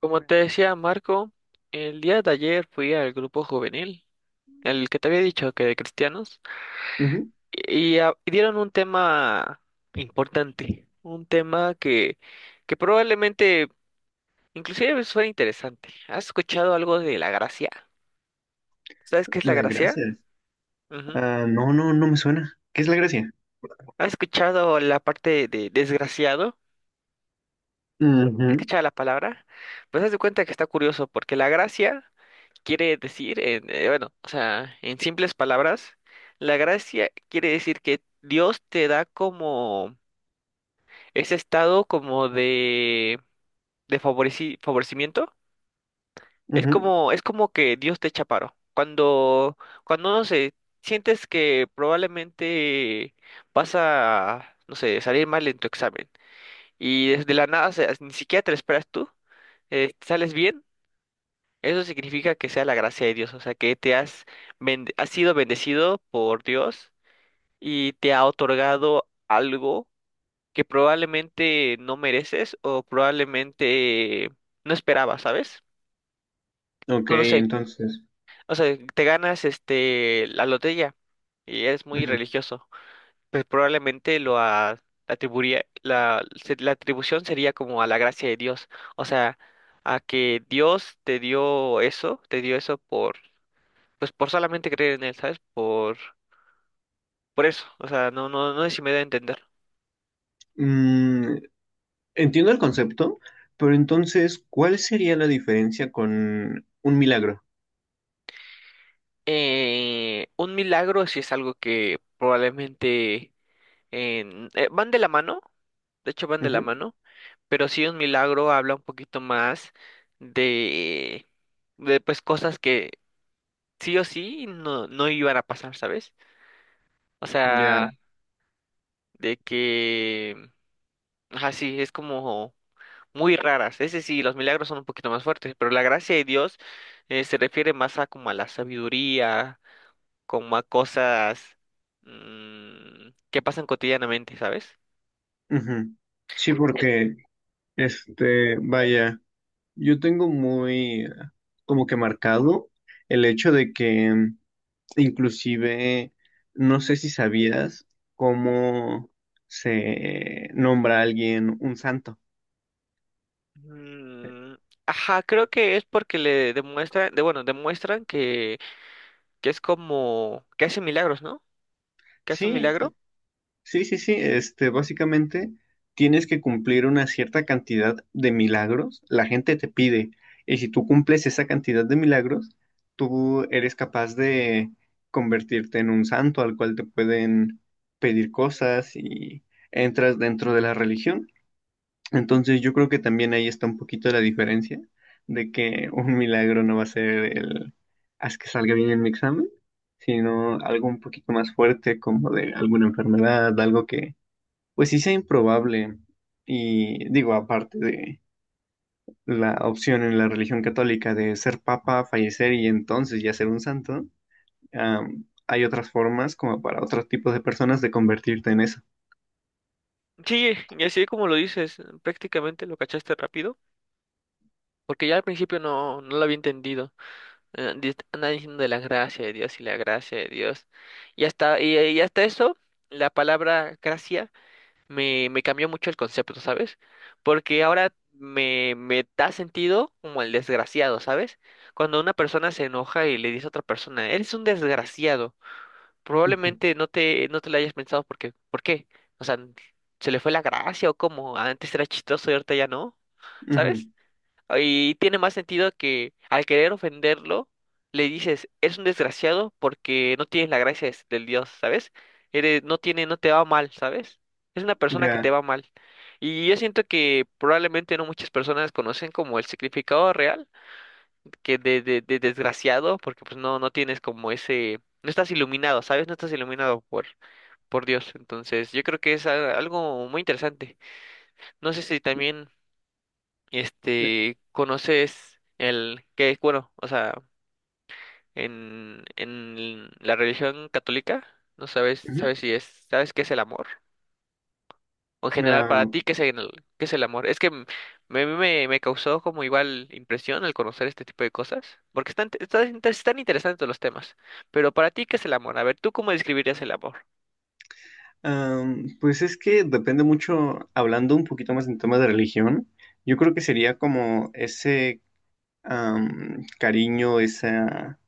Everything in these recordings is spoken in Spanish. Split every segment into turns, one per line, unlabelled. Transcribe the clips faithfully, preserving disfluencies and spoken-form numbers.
Como te decía Marco, el día de ayer fui al grupo juvenil, el que te había dicho que de cristianos,
Ujú.
y, y a- y dieron un tema importante, un tema que, que probablemente inclusive suena interesante. ¿Has escuchado algo de la gracia? ¿Sabes qué es la
Las
gracia?
gracias.
Ujú.
Ah, no, no, no me suena. ¿Qué es la gracia?
¿Has escuchado la parte de desgraciado? ¿Has
Ujú,
escuchado la palabra? Pues haz de cuenta que está curioso, porque la gracia quiere decir, en, eh, bueno, o sea, en simples palabras, la gracia quiere decir que Dios te da como ese estado como de, de favoreci- favorecimiento. Es, Ujú,
ujú.
como, es como que Dios te echa paro. Cuando, cuando no sé, sientes que probablemente vas a, no sé, salir mal en tu examen y desde la nada, o sea, ni siquiera te lo esperas tú, eh, sales bien. Eso significa que sea la gracia de Dios, o sea, que te has, bend- has sido bendecido por Dios y te ha otorgado algo que probablemente no mereces o probablemente no esperabas, ¿sabes?
Ok,
No lo sé,
entonces.
o sea, te ganas este la lotería y eres muy
Ujú.
religioso, pues probablemente lo a- atribuiría, la, se- la atribución sería como a la gracia de Dios, o sea, a que Dios te dio eso, te dio eso pues por solamente creer en él, ¿sabes? Por, por eso, o sea, no, no, no sé si me da a entender.
Mm, entiendo el concepto, pero entonces, ¿cuál sería la diferencia con un milagro?
Eh, un milagro sí es algo que probablemente en- eh, van de la mano, de hecho van de la
Ujú.
mano, pero sí un milagro habla un poquito más de, de pues cosas que sí o sí no, no iban a pasar, ¿sabes? O sea,
Ya.
de que, así es como muy raras. Ese sí, los milagros son un poquito más fuertes, pero la gracia de Dios eh, se refiere más a como a la sabiduría, como a cosas mm, que pasan cotidianamente, ¿sabes?
Ujú. Sí,
Eh,
porque, este, vaya, yo tengo muy ah, como que marcado el hecho de que inclusive, no sé si sabías cómo se nombra a alguien un santo.
mm, ajá, creo que es porque le demuestran, de, bueno, demuestran que, que es como que hace milagros, ¿no? Que hace un
Sí,
milagro.
sí, sí, sí. Este, básicamente tienes que cumplir una cierta cantidad de milagros. La gente te pide. Y si tú cumples esa cantidad de milagros, tú eres capaz de convertirte en un santo al cual te pueden pedir cosas y entras dentro de la religión. Entonces yo creo que también ahí está un poquito la diferencia de que un milagro no va a ser el haz que salga bien en mi examen, sino algo un poquito más fuerte como de alguna enfermedad, algo que pues sí sea improbable. Y digo, aparte de la opción en la religión católica de ser papa, fallecer y entonces ya ser un santo, am, hay otras formas como para otros tipos de personas de convertirte en eso.
Sí, y así como lo dices, prácticamente lo cachaste rápido, porque ya al principio no, no lo había entendido. eh, di- Andan diciendo de la gracia de Dios y la gracia de Dios. Y hasta, y, y hasta eso, la palabra gracia me, me cambió mucho el concepto, ¿sabes? Porque ahora me, me da sentido como el desgraciado, ¿sabes? Cuando una persona se enoja y le dice a otra persona, eres un desgraciado,
Ujú,
probablemente no te, no te lo hayas pensado porque, ¿por qué? O sea, ¿se le fue la gracia o cómo? Antes era chistoso y ahorita ya no,
ujú,
¿sabes? Y tiene más sentido que al querer ofenderlo, le dices, es un desgraciado porque no tienes la gracia des- del Dios, ¿sabes? Eres, no tiene, no te va mal, ¿sabes? Es una persona que
ya.
te va mal. Y yo siento que probablemente no muchas personas conocen como el significado real, que de, de, de desgraciado, porque pues no, no tienes como ese, no estás iluminado, ¿sabes? No estás iluminado por, por Dios. Entonces, yo creo que es a- algo muy interesante. No sé si también este, ¿conoces el qué es bueno? O sea, en, en la religión católica, no sabes,
Ujú.
sabes si es, sabes qué es el amor. O en general, para
Ah,
ti, ¿qué es el, qué es el amor? Es que m- me, me, me causó como igual impresión al conocer este tipo de cosas, porque están, están, inter- están interesantes los temas. Pero para ti, ¿qué es el amor? A ver, ¿tú cómo describirías el amor?
Am, pues es que depende mucho, hablando un poquito más en tema de religión, yo creo que sería como ese am, cariño, esa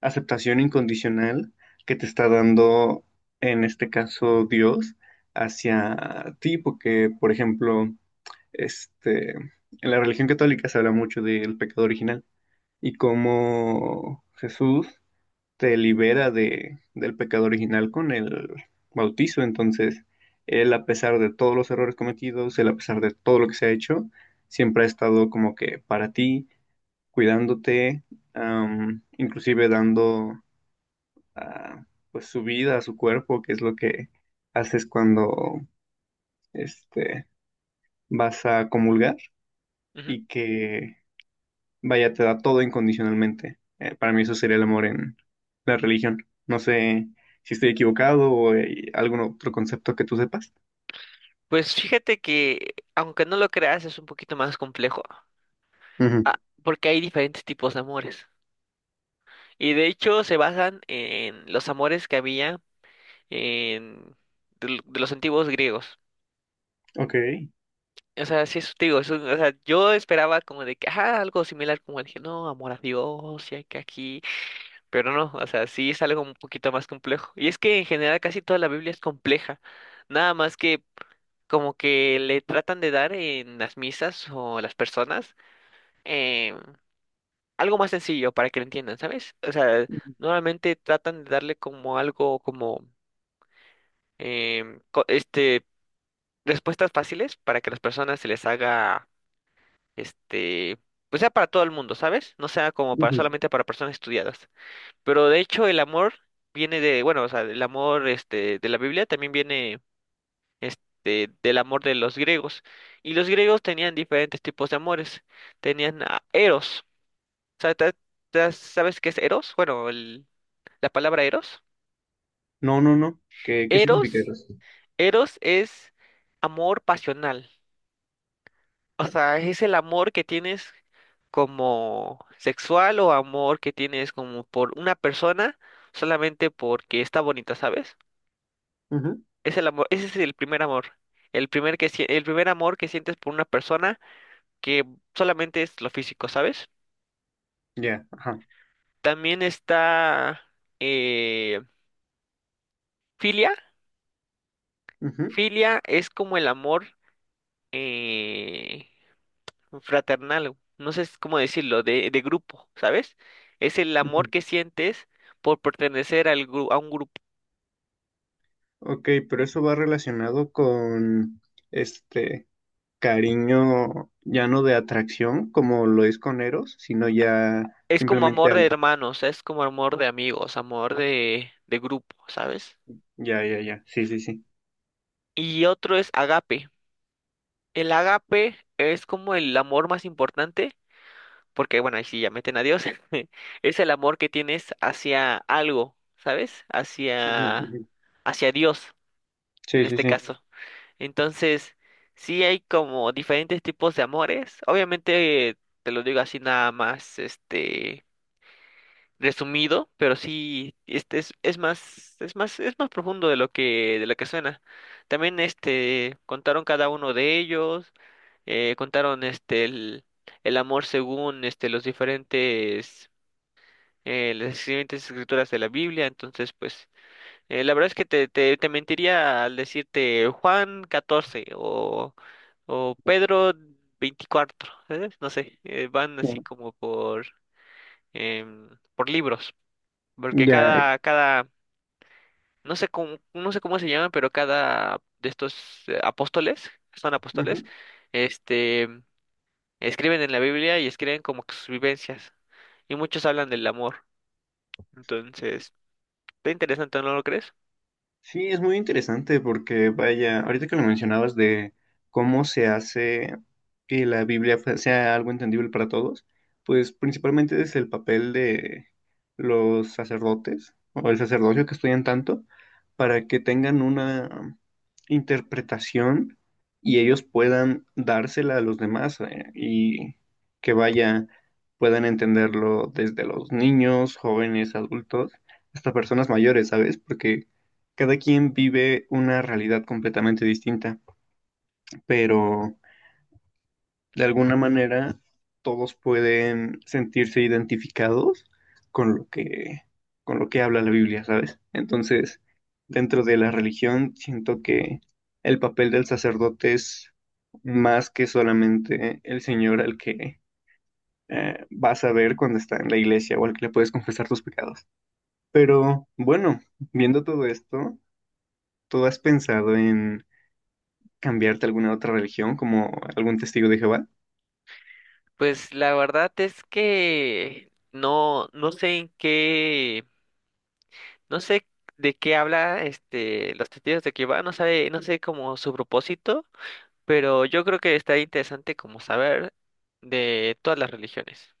aceptación incondicional que te está dando, en este caso, Dios hacia ti, porque, por ejemplo, este, en la religión católica se habla mucho del pecado original y cómo Jesús te libera de, del pecado original con el bautizo. Entonces, él a pesar de todos los errores cometidos, él a pesar de todo lo que se ha hecho, siempre ha estado como que para ti, cuidándote, am, inclusive dando ah, pues su vida a su cuerpo, que es lo que haces cuando este, vas a comulgar
Ujú.
y que vaya, te da todo incondicionalmente. Eh, para mí eso sería el amor en la religión. No sé si estoy equivocado o hay algún otro concepto que tú sepas.
Pues fíjate que, aunque no lo creas, es un poquito más complejo,
Ujú.
ah, porque hay diferentes tipos de amores. Y de hecho se basan en los amores que había en, de, l- de los antiguos griegos.
Ok.
O sea, sí, es te digo, es un- o sea, yo esperaba como de que, ah, algo similar como el que, no, amor a Dios, y hay que aquí, pero no, o sea, sí es algo un poquito más complejo. Y es que en general casi toda la Biblia es compleja, nada más que como que le tratan de dar en las misas o las personas em, algo más sencillo para que lo entiendan, ¿sabes? O sea, normalmente tratan de darle como algo como em, co- este, respuestas fáciles para que las personas se les haga, este, pues sea para todo el mundo, ¿sabes? No sea como para
Ujú.
solamente para personas estudiadas. Pero de hecho el amor viene de, bueno, o sea, el amor, este, de la Biblia también viene, este, del amor de los griegos. Y los griegos tenían diferentes tipos de amores. Tenían a Eros. O sea, ¿te- te- ¿sabes qué es Eros? Bueno, el- la palabra Eros.
No, no, no. ¿Qué, qué significa
Eros,
eso?
Eros es amor pasional. O sea, es el amor que tienes como sexual o amor que tienes como por una persona solamente porque está bonita, ¿sabes?
Ujú.
Es el amor, ese es el primer amor. El primer que, sie- el primer amor que sientes por una persona que solamente es lo físico, ¿sabes?
Ya, ajá.
También está eh, filia.
Ujú,
Filia es como el amor, eh, fraternal, no sé cómo decirlo, de, de grupo, ¿sabes? Es el amor
ujú.
que sientes por pertenecer al gru- a un grupo.
Ok, pero eso va relacionado con este cariño ya no de atracción como lo es con Eros, sino ya
Es como
simplemente
amor de
algo.
hermanos, es como amor de amigos, amor de, de grupo, ¿sabes?
Ya, ya, ya. Sí, sí, sí.
Y otro es agape. El agape es como el amor más importante, porque bueno, ahí sí ya meten a Dios, es el amor que tienes hacia algo, ¿sabes?
Ujú,
Hacia,
ujú.
hacia Dios, en
Sí, sí,
este
sí.
caso. Entonces, sí hay como diferentes tipos de amores. Obviamente, te lo digo así nada más, este, resumido, pero sí, este es, es más, es más, es más profundo de lo que, de lo que suena. También, este, contaron cada uno de ellos, eh, contaron, este, el, el amor según, este, los diferentes, eh, las diferentes escrituras de la Biblia. Entonces, pues, eh, la verdad es que te, te, te mentiría al decirte Juan catorce o, o Pedro veinticuatro, ¿sabes? No sé, eh, van así como por, em, por libros, porque
Ya.
cada, cada, no sé cómo, no sé cómo se llaman, pero cada de estos eh, apóstoles, son apóstoles,
Ujú.
este, escriben en la Biblia y escriben como que sus vivencias, y muchos hablan del amor, entonces, está interesante, ¿no lo crees?
Sí, es muy interesante porque, vaya, ahorita que lo mencionabas de cómo se hace que la Biblia fue- sea algo entendible para todos, pues principalmente desde el papel de los sacerdotes o el sacerdocio que estudian tanto para que tengan una interpretación y ellos puedan dársela a los demás, eh, y que vaya, puedan entenderlo desde los niños, jóvenes, adultos, hasta personas mayores, ¿sabes? Porque cada quien vive una realidad completamente distinta, pero de alguna manera todos pueden sentirse identificados con lo que, con lo que habla la Biblia, ¿sabes? Entonces, dentro de la religión, siento que el papel del sacerdote es más que solamente el Señor al que eh, vas a ver cuando está en la iglesia o al que le puedes confesar tus pecados. Pero bueno, viendo todo esto, ¿tú has pensado en cambiarte a alguna otra religión, como algún testigo de Jehová?
Pues la verdad es que no, no sé en qué, no sé de qué habla este los testigos de Jehová, no sabe, no sé como su propósito, pero yo creo que está interesante como saber de todas las religiones.